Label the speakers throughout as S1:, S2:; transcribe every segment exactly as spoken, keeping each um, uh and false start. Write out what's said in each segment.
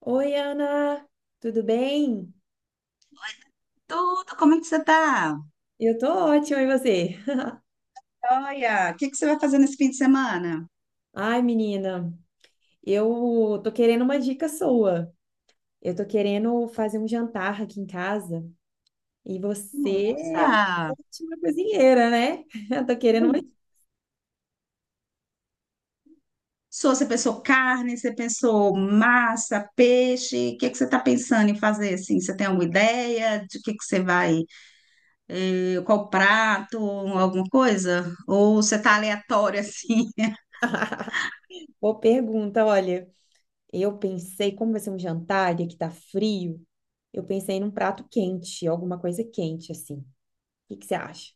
S1: Oi, Ana, tudo bem?
S2: Tudo, como é que você tá?
S1: Eu tô ótima, e você?
S2: Olha, o que que você vai fazer nesse fim de semana?
S1: Ai, menina, eu tô querendo uma dica sua. Eu tô querendo fazer um jantar aqui em casa e você
S2: Nossa!
S1: é uma ótima cozinheira, né? Eu tô querendo uma.
S2: Sou, você pensou carne, você pensou massa, peixe? O que que você está pensando em fazer assim? Você tem alguma ideia de que que você vai, eh, qual prato, alguma coisa? Ou você tá aleatório assim?
S1: Boa pergunta, olha. Eu pensei, como vai ser um jantar e aqui tá frio, eu pensei num prato quente, alguma coisa quente assim. O que que você acha?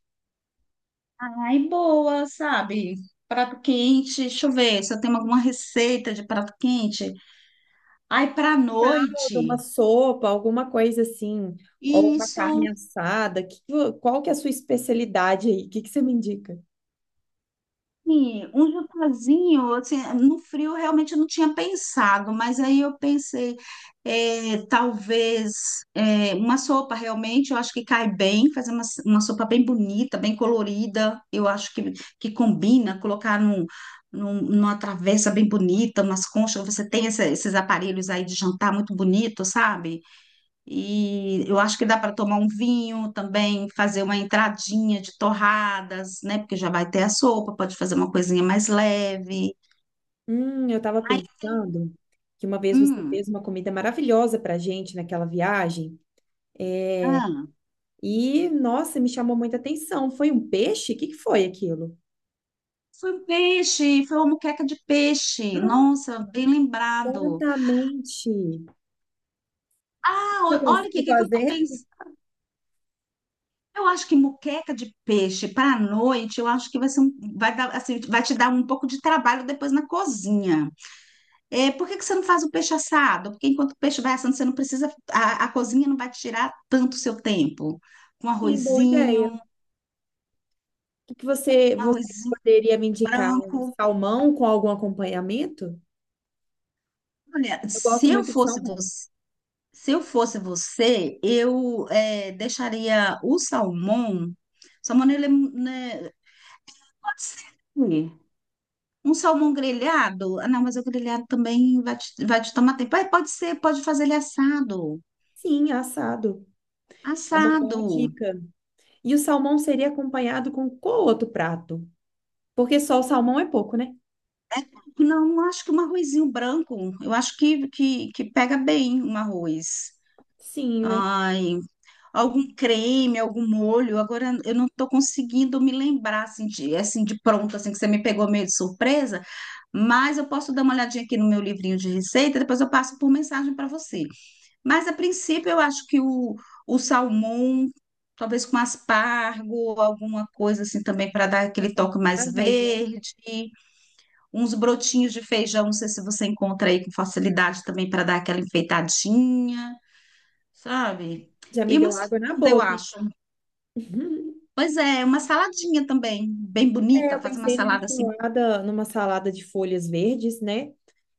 S2: Ai, boa, sabe? Prato quente, deixa eu ver se eu tenho alguma receita de prato quente. Ai, pra
S1: Caldo, uma
S2: noite.
S1: sopa, alguma coisa assim, ou uma
S2: Isso.
S1: carne assada. Que, qual que é a sua especialidade aí? O que que você me indica?
S2: Sim, um jantarzinho, assim, no frio eu realmente não tinha pensado, mas aí eu pensei, é, talvez é, uma sopa realmente, eu acho que cai bem, fazer uma, uma sopa bem bonita, bem colorida, eu acho que, que combina, colocar num, num- numa travessa bem bonita, umas conchas, você tem essa- esses aparelhos aí de jantar muito bonito, sabe? E eu acho que dá para tomar um vinho também, fazer uma entradinha de torradas, né? Porque já vai ter a sopa, pode fazer uma coisinha mais leve.
S1: Hum, eu estava
S2: Aí tem.
S1: pensando que uma vez você
S2: Hum,
S1: fez uma comida maravilhosa para gente naquela viagem
S2: ah,
S1: e, nossa, me chamou muita atenção. Foi um peixe? O que que foi aquilo?
S2: foi um peixe, foi uma moqueca de peixe. Nossa, bem lembrado.
S1: Exatamente.
S2: Ah,
S1: Eu
S2: o- olha aqui,
S1: consigo
S2: o que que eu tô
S1: fazer?
S2: pensando? Eu acho que moqueca de peixe para a noite, eu acho que vai ser um, vai dar, assim, vai te dar um pouco de trabalho depois na cozinha. É, por que que você não faz o peixe assado? Porque enquanto o peixe vai assando, você não precisa, a, a cozinha não vai te tirar tanto o seu tempo. Com
S1: Sim, boa
S2: arrozinho,
S1: ideia.
S2: um
S1: O que que você, você
S2: arrozinho
S1: poderia me indicar? Um
S2: branco.
S1: salmão com algum acompanhamento?
S2: Olha,
S1: Eu
S2: se
S1: gosto
S2: eu
S1: muito de
S2: fosse
S1: salmão.
S2: você, se eu fosse você, eu é, deixaria o salmão. Salmão, ele é, né, pode ser. Um salmão grelhado? Ah, não, mas o grelhado também vai te, vai te tomar tempo. Ah, pode ser, pode fazer ele assado.
S1: Sim, assado. É uma
S2: Assado.
S1: boa dica. E o salmão seria acompanhado com qual outro prato? Porque só o salmão é pouco, né?
S2: Não, acho que um arrozinho branco. Eu acho que, que, que pega bem um arroz.
S1: Sim,
S2: Ai, algum creme, algum molho. Agora eu não estou conseguindo me lembrar assim de assim de pronto, assim que você me pegou meio de surpresa. Mas eu posso dar uma olhadinha aqui no meu livrinho de receita. Depois eu passo por mensagem para você. Mas a princípio eu acho que o, o salmão, talvez com aspargo, alguma coisa assim também para dar aquele toque mais
S1: verdade. Né?
S2: verde. Uns brotinhos de feijão, não sei se você encontra aí com facilidade também para dar aquela enfeitadinha, sabe?
S1: Já me
S2: E uma
S1: deu
S2: salada,
S1: água na
S2: eu
S1: boca, hein?
S2: acho. Pois é, uma saladinha também, bem
S1: É,
S2: bonita,
S1: eu
S2: fazer uma
S1: pensei numa
S2: salada assim,
S1: salada, numa salada de folhas verdes, né?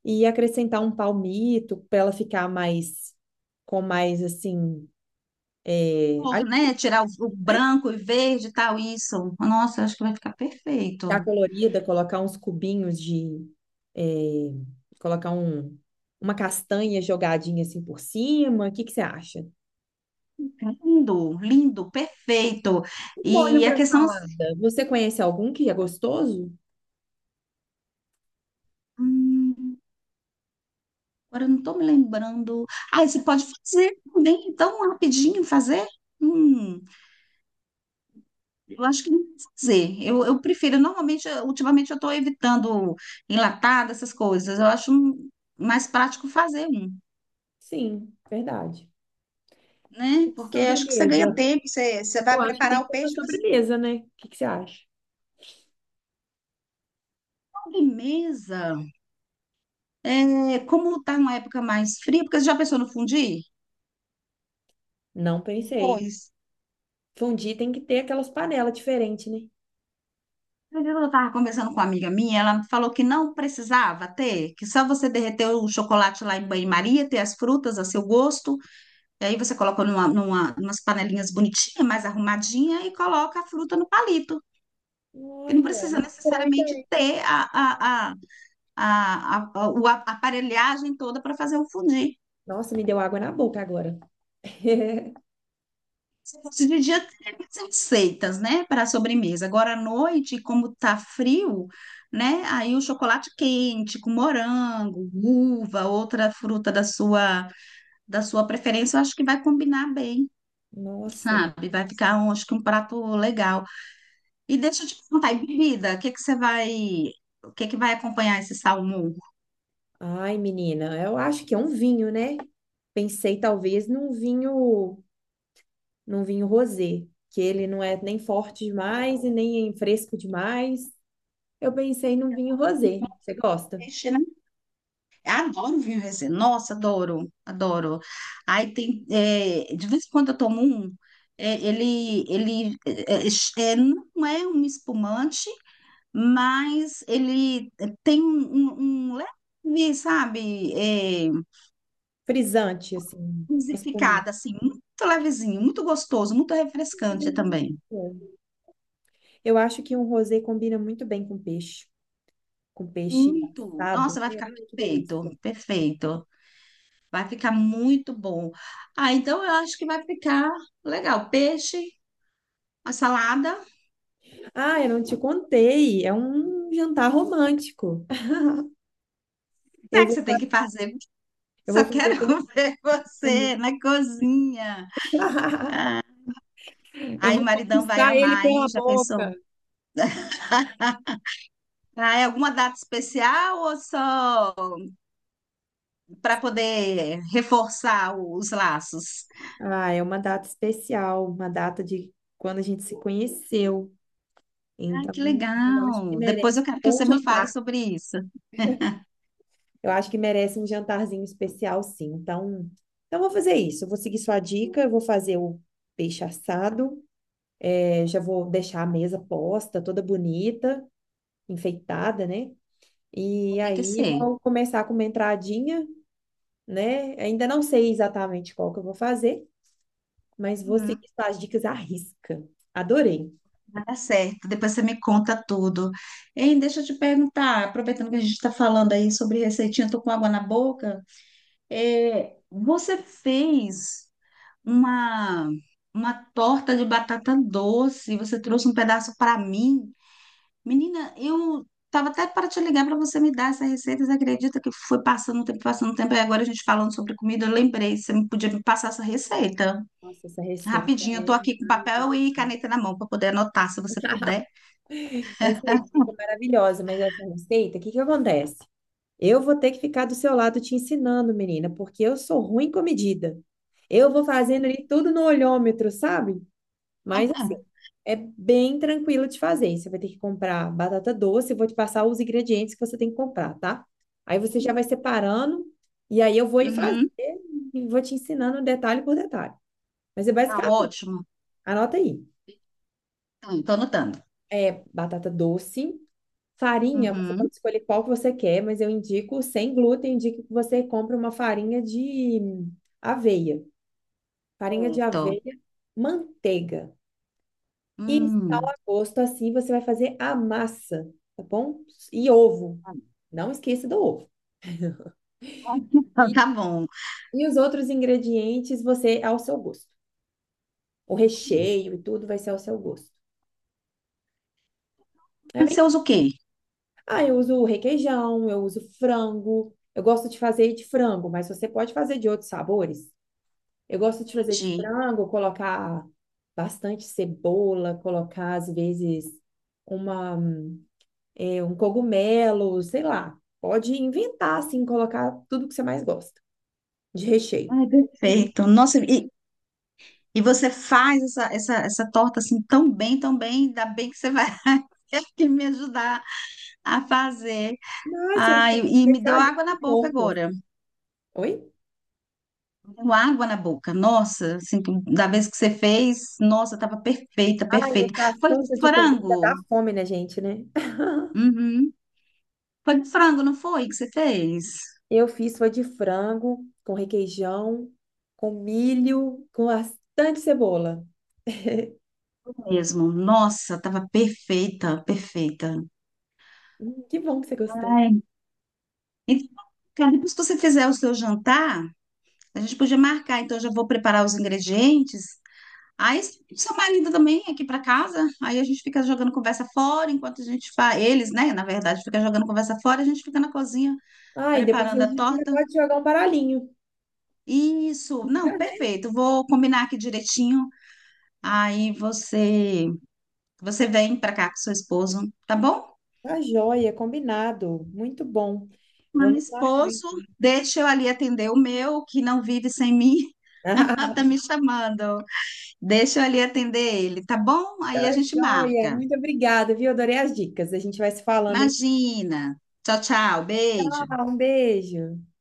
S1: E acrescentar um palmito para ela ficar mais, com mais assim, é,
S2: cor, né? Tirar o, o branco e verde e tal, isso. Nossa, eu acho que vai ficar
S1: ficar
S2: perfeito.
S1: colorida, colocar uns cubinhos de, é, colocar um, uma castanha jogadinha assim por cima. O que que você acha?
S2: Lindo, lindo, perfeito.
S1: Molho
S2: E a
S1: para
S2: questão assim,
S1: salada. Você conhece algum que é gostoso?
S2: hum, agora eu não tô me lembrando. Ah, e você pode fazer também, tão rapidinho fazer? Hum. Eu acho que não sei dizer. Eu, eu prefiro, normalmente, eu- ultimamente eu estou evitando enlatado, essas coisas. Eu acho um- mais prático fazer um,
S1: Sim, verdade.
S2: né? Porque acho que você ganha
S1: Sobremesa.
S2: tempo, você, você
S1: Eu
S2: vai
S1: acho que tem
S2: preparar
S1: que
S2: o
S1: ter uma
S2: peixe, e você
S1: sobremesa, né? O que que você acha?
S2: sobremesa. É, como está uma época mais fria, porque você já pensou no fundir?
S1: Não pensei.
S2: Pois.
S1: Fondue tem que ter aquelas panelas diferentes, né?
S2: Eu estava conversando com uma amiga minha, ela falou que não precisava ter, que só você derreter o chocolate lá em banho-maria, ter as frutas a seu gosto. E aí você coloca numa, numa, umas panelinhas bonitinhas, mais arrumadinha, e coloca a fruta no palito. Que não
S1: Olha, é
S2: precisa
S1: uma boa
S2: necessariamente
S1: ideia.
S2: ter a, a, a, a, a, o a- aparelhagem toda para fazer o fondue.
S1: Nossa, me deu água na boca agora.
S2: Se fosse de dia, teria mais receitas, né, para a sobremesa. Agora à noite, como tá frio, né, aí o chocolate quente com morango, uva, outra fruta da sua, da sua preferência, eu acho que vai combinar bem,
S1: Nossa.
S2: sabe? Vai ficar, um, acho que um prato legal. E deixa eu te perguntar, e bebida, o que que você vai, o que que vai acompanhar esse salmão?
S1: Ai, menina, eu acho que é um vinho, né? Pensei talvez num vinho, num vinho rosé, que ele não é nem forte demais e nem fresco demais. Eu pensei num vinho rosé. Você gosta?
S2: Peixe, né? Eu adoro vinho rosé. Nossa, adoro, adoro. Aí tem, é, de vez em quando eu tomo um, é, ele, ele é, é, é, não é um espumante, mas ele é, tem um, um um leve, sabe, é,
S1: Frisante, assim, mais comum.
S2: intensificado, assim, muito levezinho, muito gostoso, muito
S1: Que
S2: refrescante também.
S1: delícia. Eu acho que um rosé combina muito bem com peixe, com peixe
S2: Muito.
S1: assado.
S2: Nossa, vai
S1: É,
S2: ficar
S1: ai, que delícia.
S2: perfeito, perfeito. Vai ficar muito bom. Ah, então eu acho que vai ficar legal. Peixe, a salada.
S1: Ah, eu não te contei. É um jantar romântico. Eu
S2: É que
S1: vou,
S2: você
S1: fa-
S2: tem que fazer.
S1: eu vou
S2: Só quero
S1: fazer dois
S2: ver
S1: ramos.
S2: você na cozinha.
S1: Eu
S2: Aí o
S1: vou
S2: maridão vai
S1: conquistar ele
S2: amar, hein?
S1: pela
S2: Já pensou?
S1: boca.
S2: Ah, é alguma data especial ou só para poder reforçar o- os laços?
S1: Ah, é uma data especial, uma data de quando a gente se conheceu.
S2: Ah,
S1: Então,
S2: que
S1: eu acho que
S2: legal. Depois
S1: merece
S2: eu quero que
S1: um bom
S2: você me fale
S1: jantar.
S2: sobre isso.
S1: Eu acho que merece um jantarzinho especial, sim. Então, então eu vou fazer isso. Eu vou seguir sua dica, eu vou fazer o peixe assado, é, já vou deixar a mesa posta, toda bonita, enfeitada, né? E
S2: Tem que
S1: aí
S2: ser.
S1: vou começar com uma entradinha, né? Ainda não sei exatamente qual que eu vou fazer, mas vou seguir
S2: Uhum.
S1: suas dicas à risca. Adorei.
S2: Tá certo, depois você me conta tudo. Hein, deixa eu te perguntar, aproveitando que a gente está falando aí sobre receitinha, eu tô com água na boca. É, você fez uma, uma torta de batata doce, você trouxe um pedaço para mim. Menina, eu tava até para te ligar para você me dar essa receita, você acredita que foi passando o tempo, passando o tempo, e agora a gente falando sobre comida, eu lembrei, você me podia me passar essa receita.
S1: Nossa, essa receita,
S2: Rapidinho, eu tô
S1: é
S2: aqui com papel e caneta na mão para poder anotar, se você puder.
S1: essa receita é maravilhosa, mas essa receita, o que que acontece? Eu vou ter que ficar do seu lado te ensinando, menina, porque eu sou ruim com medida. Eu vou fazendo ali tudo no olhômetro, sabe? Mas assim, é bem tranquilo de fazer. Você vai ter que comprar batata doce, eu vou te passar os ingredientes que você tem que comprar, tá? Aí você já vai separando e aí eu vou ir fazer
S2: Uhum.
S1: e vou te ensinando detalhe por detalhe. Mas é
S2: Ah,
S1: basicamente,
S2: ótimo.
S1: anota aí.
S2: Estou anotando.
S1: É batata doce, farinha, você
S2: Uhum.
S1: pode escolher qual que você quer, mas eu indico sem glúten, indico que você compre uma farinha de aveia. Farinha de
S2: Certo.
S1: aveia, manteiga e sal
S2: Hum.
S1: a gosto, assim você vai fazer a massa, tá bom? E ovo.
S2: Tá bom.
S1: Não esqueça do ovo.
S2: Tá
S1: E,
S2: bom.
S1: e os outros ingredientes você ao seu gosto. O recheio e tudo vai ser ao seu gosto. Tá bem?
S2: Você usa o quê?
S1: Ah, eu uso requeijão, eu uso frango. Eu gosto de fazer de frango, mas você pode fazer de outros sabores. Eu gosto de fazer de
S2: Entendi.
S1: frango, colocar bastante cebola, colocar às vezes uma, é, um cogumelo, sei lá. Pode inventar, assim, colocar tudo que você mais gosta de recheio.
S2: Ai,
S1: E,
S2: perfeito. Nossa, e, e você faz essa, essa, essa torta assim tão bem, tão bem, ainda bem que você vai ter que me ajudar a fazer.
S1: nossa, eu
S2: Ai,
S1: estou
S2: e me deu
S1: especialista
S2: água
S1: em
S2: na boca
S1: porcos.
S2: agora.
S1: Oi?
S2: Me deu água na boca. Nossa, assim, da vez que você fez, nossa, tava perfeita,
S1: Ai,
S2: perfeita.
S1: esse
S2: Foi de
S1: assunto de comida dá
S2: frango?
S1: fome na gente, né?
S2: Uhum. Foi com frango, não foi que você fez?
S1: Eu fiz foi de frango, com requeijão, com milho, com bastante cebola.
S2: Mesmo. Nossa, tava perfeita, perfeita.
S1: Hum, que bom que você gostou.
S2: Ai. Então, cara, depois que você fizer o seu jantar, a gente podia marcar. Então, eu já vou preparar os ingredientes. Aí, seu marido também aqui para casa. Aí a gente fica jogando conversa fora enquanto a gente faz. Eles, né? Na verdade, fica jogando conversa fora. A gente fica na cozinha
S1: Ah, e depois a
S2: preparando a
S1: gente ainda
S2: torta.
S1: pode jogar um baralhinho.
S2: Isso. Não, perfeito. Vou combinar aqui direitinho. Aí você, você vem para cá com seu esposo, tá bom?
S1: Tá joia, combinado. Muito bom.
S2: Meu
S1: Vamos marcar
S2: esposo,
S1: então.
S2: deixa eu ali atender o meu, que não vive sem mim.
S1: Ah,
S2: Tá me chamando. Deixa eu ali atender ele, tá bom? Aí a
S1: tá
S2: gente
S1: joia.
S2: marca.
S1: Muito obrigada, viu? Adorei as dicas. A gente vai se falando, hein?
S2: Imagina. Tchau, tchau. Beijo.
S1: Ah, um beijo.